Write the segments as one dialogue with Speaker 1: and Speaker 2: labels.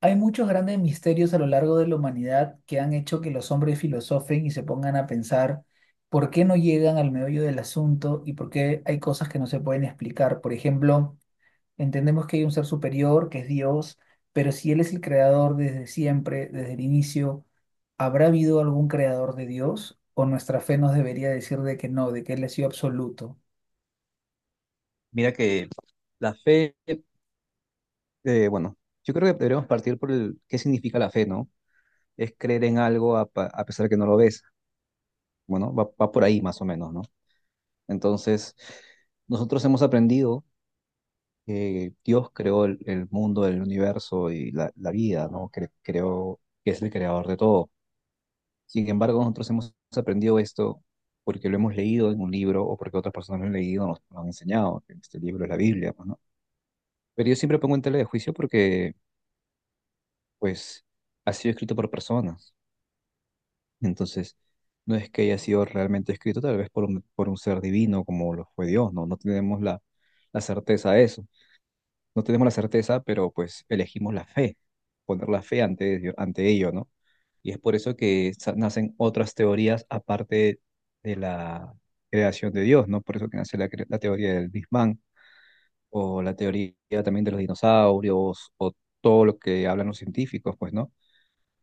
Speaker 1: Hay muchos grandes misterios a lo largo de la humanidad que han hecho que los hombres filosofen y se pongan a pensar por qué no llegan al meollo del asunto y por qué hay cosas que no se pueden explicar. Por ejemplo, entendemos que hay un ser superior, que es Dios, pero si Él es el creador desde siempre, desde el inicio, ¿habrá habido algún creador de Dios? ¿O nuestra fe nos debería decir de que no, de que Él ha sido absoluto?
Speaker 2: Mira que la fe, bueno, yo creo que deberíamos partir por el qué significa la fe, ¿no? Es creer en algo a pesar de que no lo ves. Bueno, va por ahí más o menos, ¿no? Entonces, nosotros hemos aprendido que Dios creó el mundo, el universo y la vida, ¿no? Creó que es el creador de todo. Sin embargo, nosotros hemos aprendido esto porque lo hemos leído en un libro o porque otras personas lo han leído, nos han enseñado que este libro es la Biblia, pues, ¿no? Pero yo siempre pongo en tela de juicio porque pues ha sido escrito por personas. Entonces, no es que haya sido realmente escrito tal vez por un ser divino como lo fue Dios, ¿no? No tenemos la certeza de eso. No tenemos la certeza, pero pues elegimos la fe, poner la fe ante ello, ¿no? Y es por eso que nacen otras teorías aparte de la creación de Dios, ¿no? Por eso que nace la teoría del Big Bang o la teoría también de los dinosaurios o todo lo que hablan los científicos, pues, ¿no?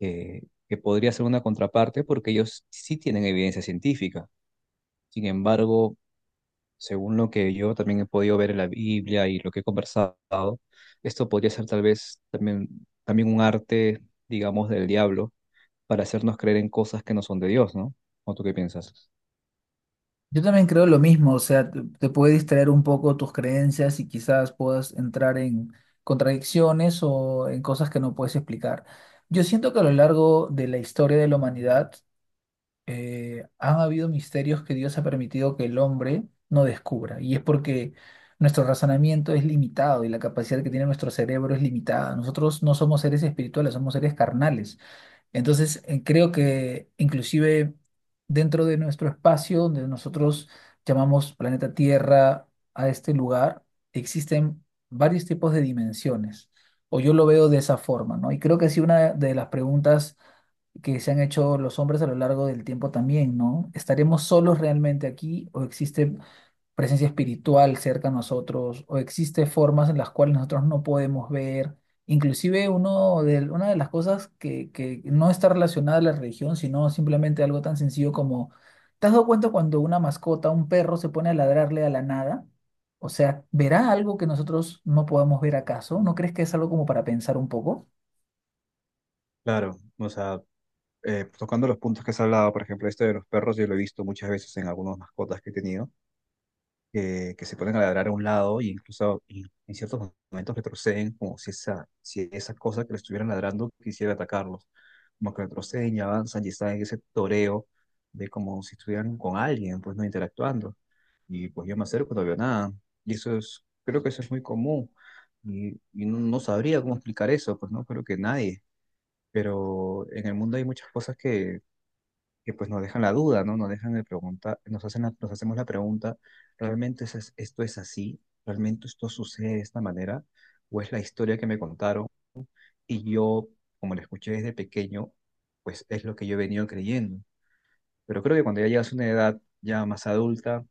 Speaker 2: eh, que podría ser una contraparte porque ellos sí tienen evidencia científica. Sin embargo, según lo que yo también he podido ver en la Biblia y lo que he conversado, esto podría ser tal vez también un arte, digamos, del diablo para hacernos creer en cosas que no son de Dios, ¿no? ¿O tú qué piensas?
Speaker 1: Yo también creo lo mismo, o sea, te puede distraer un poco tus creencias y quizás puedas entrar en contradicciones o en cosas que no puedes explicar. Yo siento que a lo largo de la historia de la humanidad han habido misterios que Dios ha permitido que el hombre no descubra y es porque nuestro razonamiento es limitado y la capacidad que tiene nuestro cerebro es limitada. Nosotros no somos seres espirituales, somos seres carnales. Entonces, creo que inclusive dentro de nuestro espacio, donde nosotros llamamos planeta Tierra a este lugar, existen varios tipos de dimensiones, o yo lo veo de esa forma, ¿no? Y creo que sí, una de las preguntas que se han hecho los hombres a lo largo del tiempo también, ¿no? ¿Estaremos solos realmente aquí o existe presencia espiritual cerca de nosotros o existe formas en las cuales nosotros no podemos ver. Inclusive una de las cosas que no está relacionada a la religión, sino simplemente algo tan sencillo como, ¿te has dado cuenta cuando una mascota, un perro, se pone a ladrarle a la nada? O sea, ¿verá algo que nosotros no podamos ver acaso? ¿No crees que es algo como para pensar un poco?
Speaker 2: Claro, o sea, tocando los puntos que has hablado, por ejemplo, esto de los perros, yo lo he visto muchas veces en algunas mascotas que he tenido. Que se ponen a ladrar a un lado e incluso y en ciertos momentos retroceden como si esa cosa que le estuvieran ladrando quisiera atacarlos. Como que retroceden y avanzan y están en ese toreo de como si estuvieran con alguien, pues no interactuando. Y pues yo me acerco y no veo nada. Creo que eso es muy común. Y no sabría cómo explicar eso, pues no creo que nadie. Pero en el mundo hay muchas cosas que pues nos dejan la duda, ¿no? Nos dejan de preguntar, nos hacen nos hacemos la pregunta, ¿realmente es esto es así? ¿Realmente esto sucede de esta manera? ¿O es la historia que me contaron? Y yo, como la escuché desde pequeño, pues es lo que yo he venido creyendo. Pero creo que cuando ya llegas a una edad ya más adulta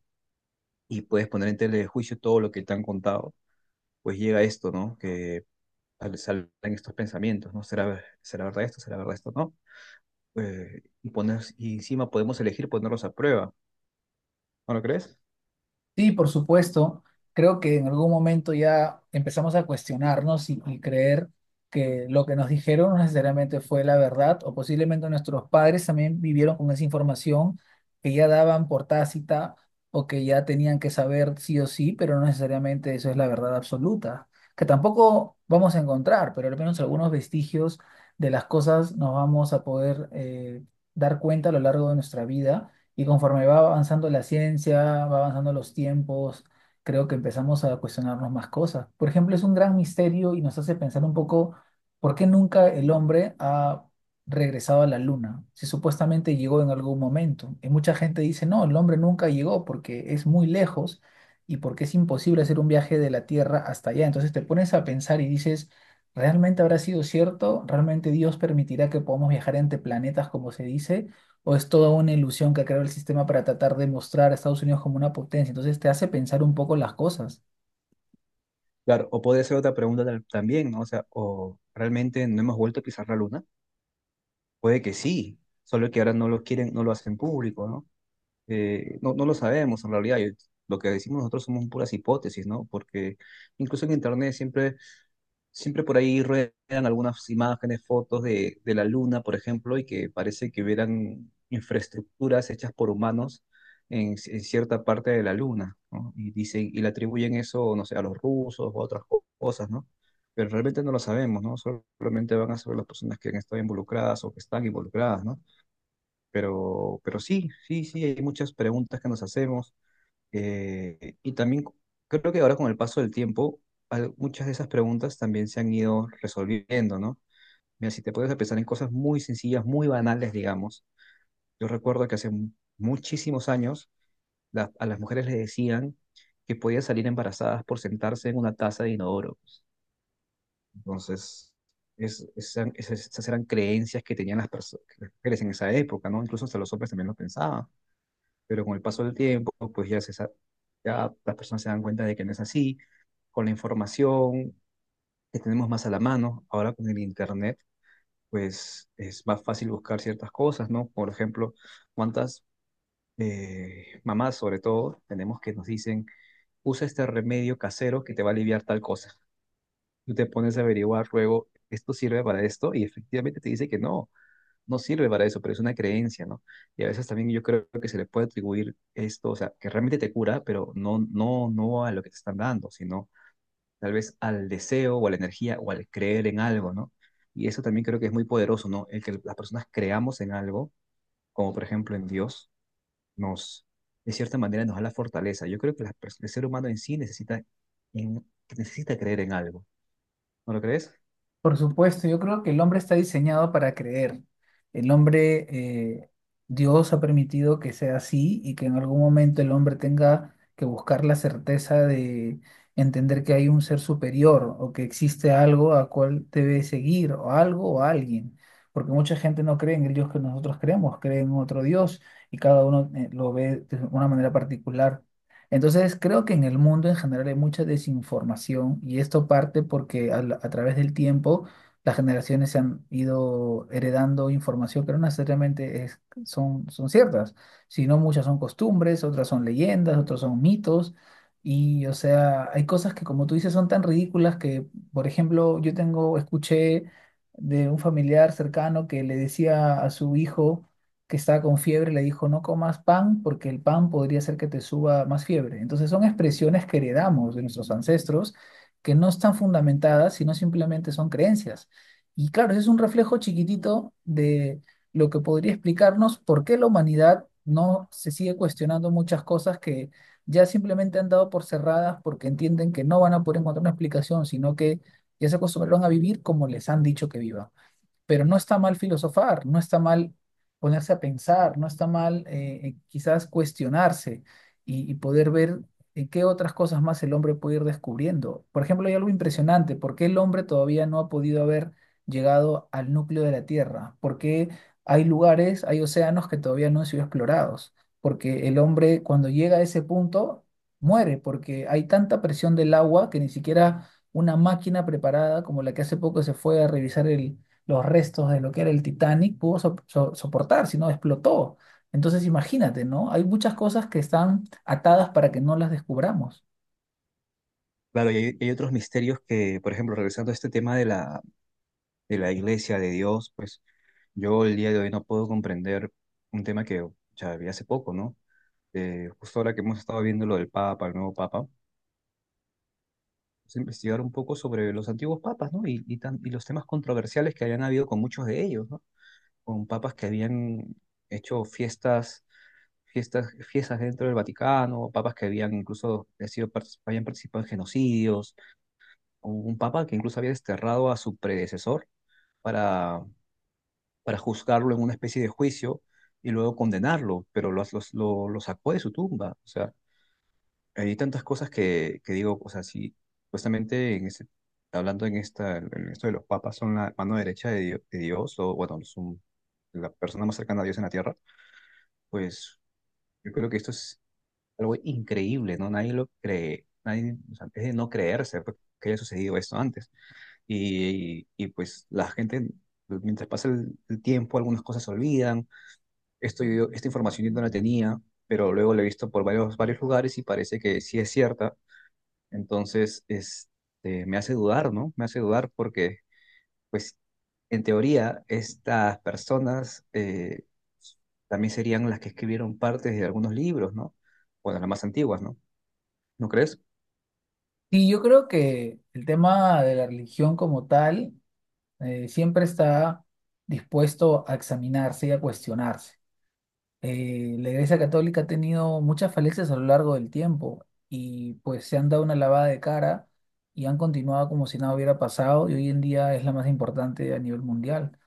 Speaker 2: y puedes poner en tela de juicio todo lo que te han contado, pues llega esto, ¿no? Que salen estos pensamientos, ¿no? Será verdad esto? ¿Será verdad esto? ¿No? Y encima podemos elegir ponerlos a prueba, ¿no lo crees?
Speaker 1: Sí, por supuesto. Creo que en algún momento ya empezamos a cuestionarnos y creer que lo que nos dijeron no necesariamente fue la verdad, o posiblemente nuestros padres también vivieron con esa información que ya daban por tácita o que ya tenían que saber sí o sí, pero no necesariamente eso es la verdad absoluta, que tampoco vamos a encontrar, pero al menos algunos vestigios de las cosas nos vamos a poder dar cuenta a lo largo de nuestra vida y conforme va avanzando la ciencia, va avanzando los tiempos, creo que empezamos a cuestionarnos más cosas. Por ejemplo, es un gran misterio y nos hace pensar un poco por qué nunca el hombre ha regresado a la luna, si supuestamente llegó en algún momento. Y mucha gente dice, no, el hombre nunca llegó porque es muy lejos y porque es imposible hacer un viaje de la Tierra hasta allá. Entonces te pones a pensar y dices, ¿realmente habrá sido cierto? ¿Realmente Dios permitirá que podamos viajar entre planetas, como se dice? O es toda una ilusión que ha creado el sistema para tratar de mostrar a Estados Unidos como una potencia. Entonces te hace pensar un poco las cosas.
Speaker 2: Claro, o puede ser otra pregunta también, ¿no? O sea, ¿o realmente no hemos vuelto a pisar la Luna? Puede que sí, solo que ahora no lo quieren, no lo hacen público, ¿no? No lo sabemos en realidad. Yo Lo que decimos nosotros somos puras hipótesis, ¿no? Porque incluso en Internet siempre por ahí ruedan algunas imágenes, fotos de la Luna, por ejemplo, y que parece que hubieran infraestructuras hechas por humanos en cierta parte de la Luna, ¿no? Y dicen, y le atribuyen eso, no sé, a los rusos o a otras cosas, ¿no? Pero realmente no lo sabemos, ¿no? Solamente van a saber las personas que han estado involucradas o que están involucradas, ¿no? Pero sí, sí, sí, hay muchas preguntas que nos hacemos, y también creo que ahora con el paso del tiempo, muchas de esas preguntas también se han ido resolviendo, ¿no? Mira, si te puedes pensar en cosas muy sencillas, muy banales, digamos. Yo recuerdo que hace muchísimos años a las mujeres les decían que podían salir embarazadas por sentarse en una taza de inodoro. Entonces, esas eran creencias que tenían las mujeres en esa época, ¿no? Incluso hasta los hombres también lo pensaban. Pero con el paso del tiempo, pues ya, ya las personas se dan cuenta de que no es así, con la información que tenemos más a la mano, ahora con el Internet, pues es más fácil buscar ciertas cosas, ¿no? Por ejemplo, cuántas mamás, sobre todo, tenemos que nos dicen, usa este remedio casero que te va a aliviar tal cosa. Tú te pones a averiguar luego, ¿esto sirve para esto? Y efectivamente te dice que no, no sirve para eso, pero es una creencia, ¿no? Y a veces también yo creo que se le puede atribuir esto, o sea, que realmente te cura, pero no, no, no a lo que te están dando, sino tal vez al deseo o a la energía o al creer en algo, ¿no? Y eso también creo que es muy poderoso, ¿no? El que las personas creamos en algo, como por ejemplo en Dios, nos, de cierta manera, nos da la fortaleza. Yo creo que el ser humano en sí necesita, en- necesita creer en algo, ¿no lo crees?
Speaker 1: Por supuesto, yo creo que el hombre está diseñado para creer. El hombre, Dios ha permitido que sea así y que en algún momento el hombre tenga que buscar la certeza de entender que hay un ser superior o que existe algo a cual debe seguir o algo o alguien. Porque mucha gente no cree en el Dios que nosotros creemos, cree en otro Dios y cada uno lo ve de una manera particular. Entonces, creo que en el mundo en general hay mucha desinformación y esto parte porque a través del tiempo las generaciones se han ido heredando información que no necesariamente son, son ciertas, sino muchas son costumbres, otras son leyendas, otras son mitos y, o sea, hay cosas que como tú dices son tan ridículas que, por ejemplo, escuché de un familiar cercano que le decía a su hijo que estaba con fiebre, le dijo, no comas pan porque el pan podría hacer que te suba más fiebre. Entonces son expresiones que heredamos de nuestros ancestros que no están fundamentadas, sino simplemente son creencias. Y claro, ese es un reflejo chiquitito de lo que podría explicarnos por qué la humanidad no se sigue cuestionando muchas cosas que ya simplemente han dado por cerradas porque entienden que no van a poder encontrar una explicación, sino que ya se acostumbraron a vivir como les han dicho que vivan pero no está mal filosofar, no está mal ponerse a pensar, no está mal quizás cuestionarse y poder ver en qué otras cosas más el hombre puede ir descubriendo. Por ejemplo, hay algo impresionante, ¿por qué el hombre todavía no ha podido haber llegado al núcleo de la Tierra? ¿Por qué hay lugares, hay océanos que todavía no han sido explorados? Porque el hombre cuando llega a ese punto muere, porque hay tanta presión del agua que ni siquiera una máquina preparada como la que hace poco se fue a revisar los restos de lo que era el Titanic pudo soportar, si no explotó. Entonces imagínate, ¿no? Hay muchas cosas que están atadas para que no las descubramos.
Speaker 2: Claro, y hay, otros misterios que, por ejemplo, regresando a este tema de la iglesia, de Dios, pues yo el día de hoy no puedo comprender un tema que ya vi hace poco, ¿no? Justo ahora que hemos estado viendo lo del Papa, el nuevo Papa, pues investigar un poco sobre los antiguos papas, ¿no? Y los temas controversiales que habían habido con muchos de ellos, ¿no? Con papas que habían hecho fiestas, fiestas, fiestas dentro del Vaticano, papas que habían incluso habían participado en genocidios, un papa que incluso había desterrado a su predecesor para para juzgarlo en una especie de juicio y luego condenarlo, pero lo sacó de su tumba. O sea, hay tantas cosas que digo, o sea, sí, justamente hablando en esto de los papas son la mano derecha de Dios, o bueno, son la persona más cercana a Dios en la Tierra, pues yo creo que esto es algo increíble, ¿no? Nadie lo cree, nadie, o sea, es de no creerse pues, que haya sucedido esto antes. Pues la gente, mientras pasa el tiempo, algunas cosas se olvidan. Esta información yo no la tenía, pero luego la he visto por varios, varios lugares y parece que sí es cierta. Entonces, me hace dudar, ¿no? Me hace dudar porque, pues, en teoría, estas personas, también serían las que escribieron partes de algunos libros, ¿no? Bueno, las más antiguas, ¿no? ¿No crees?
Speaker 1: Y yo creo que el tema de la religión como tal siempre está dispuesto a examinarse y a cuestionarse. La Iglesia Católica ha tenido muchas falencias a lo largo del tiempo y pues se han dado una lavada de cara y han continuado como si nada hubiera pasado y hoy en día es la más importante a nivel mundial.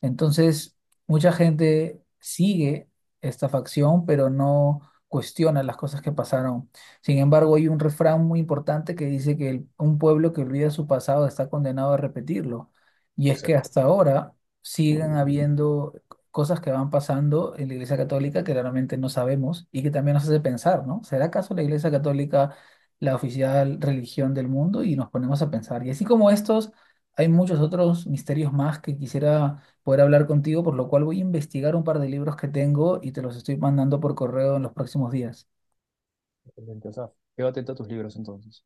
Speaker 1: Entonces, mucha gente sigue esta facción, pero no cuestiona las cosas que pasaron. Sin embargo, hay un refrán muy importante que dice que un pueblo que olvida su pasado está condenado a repetirlo. Y es que hasta ahora siguen habiendo cosas que van pasando en la Iglesia Católica que realmente no sabemos y que también nos hace pensar, ¿no? ¿Será acaso la Iglesia Católica la oficial religión del mundo? Y nos ponemos a pensar. Y así como estos, hay muchos otros misterios más que quisiera poder hablar contigo, por lo cual voy a investigar un par de libros que tengo y te los estoy mandando por correo en los próximos días.
Speaker 2: Exactamente. O sea, quédate atento a tus libros entonces.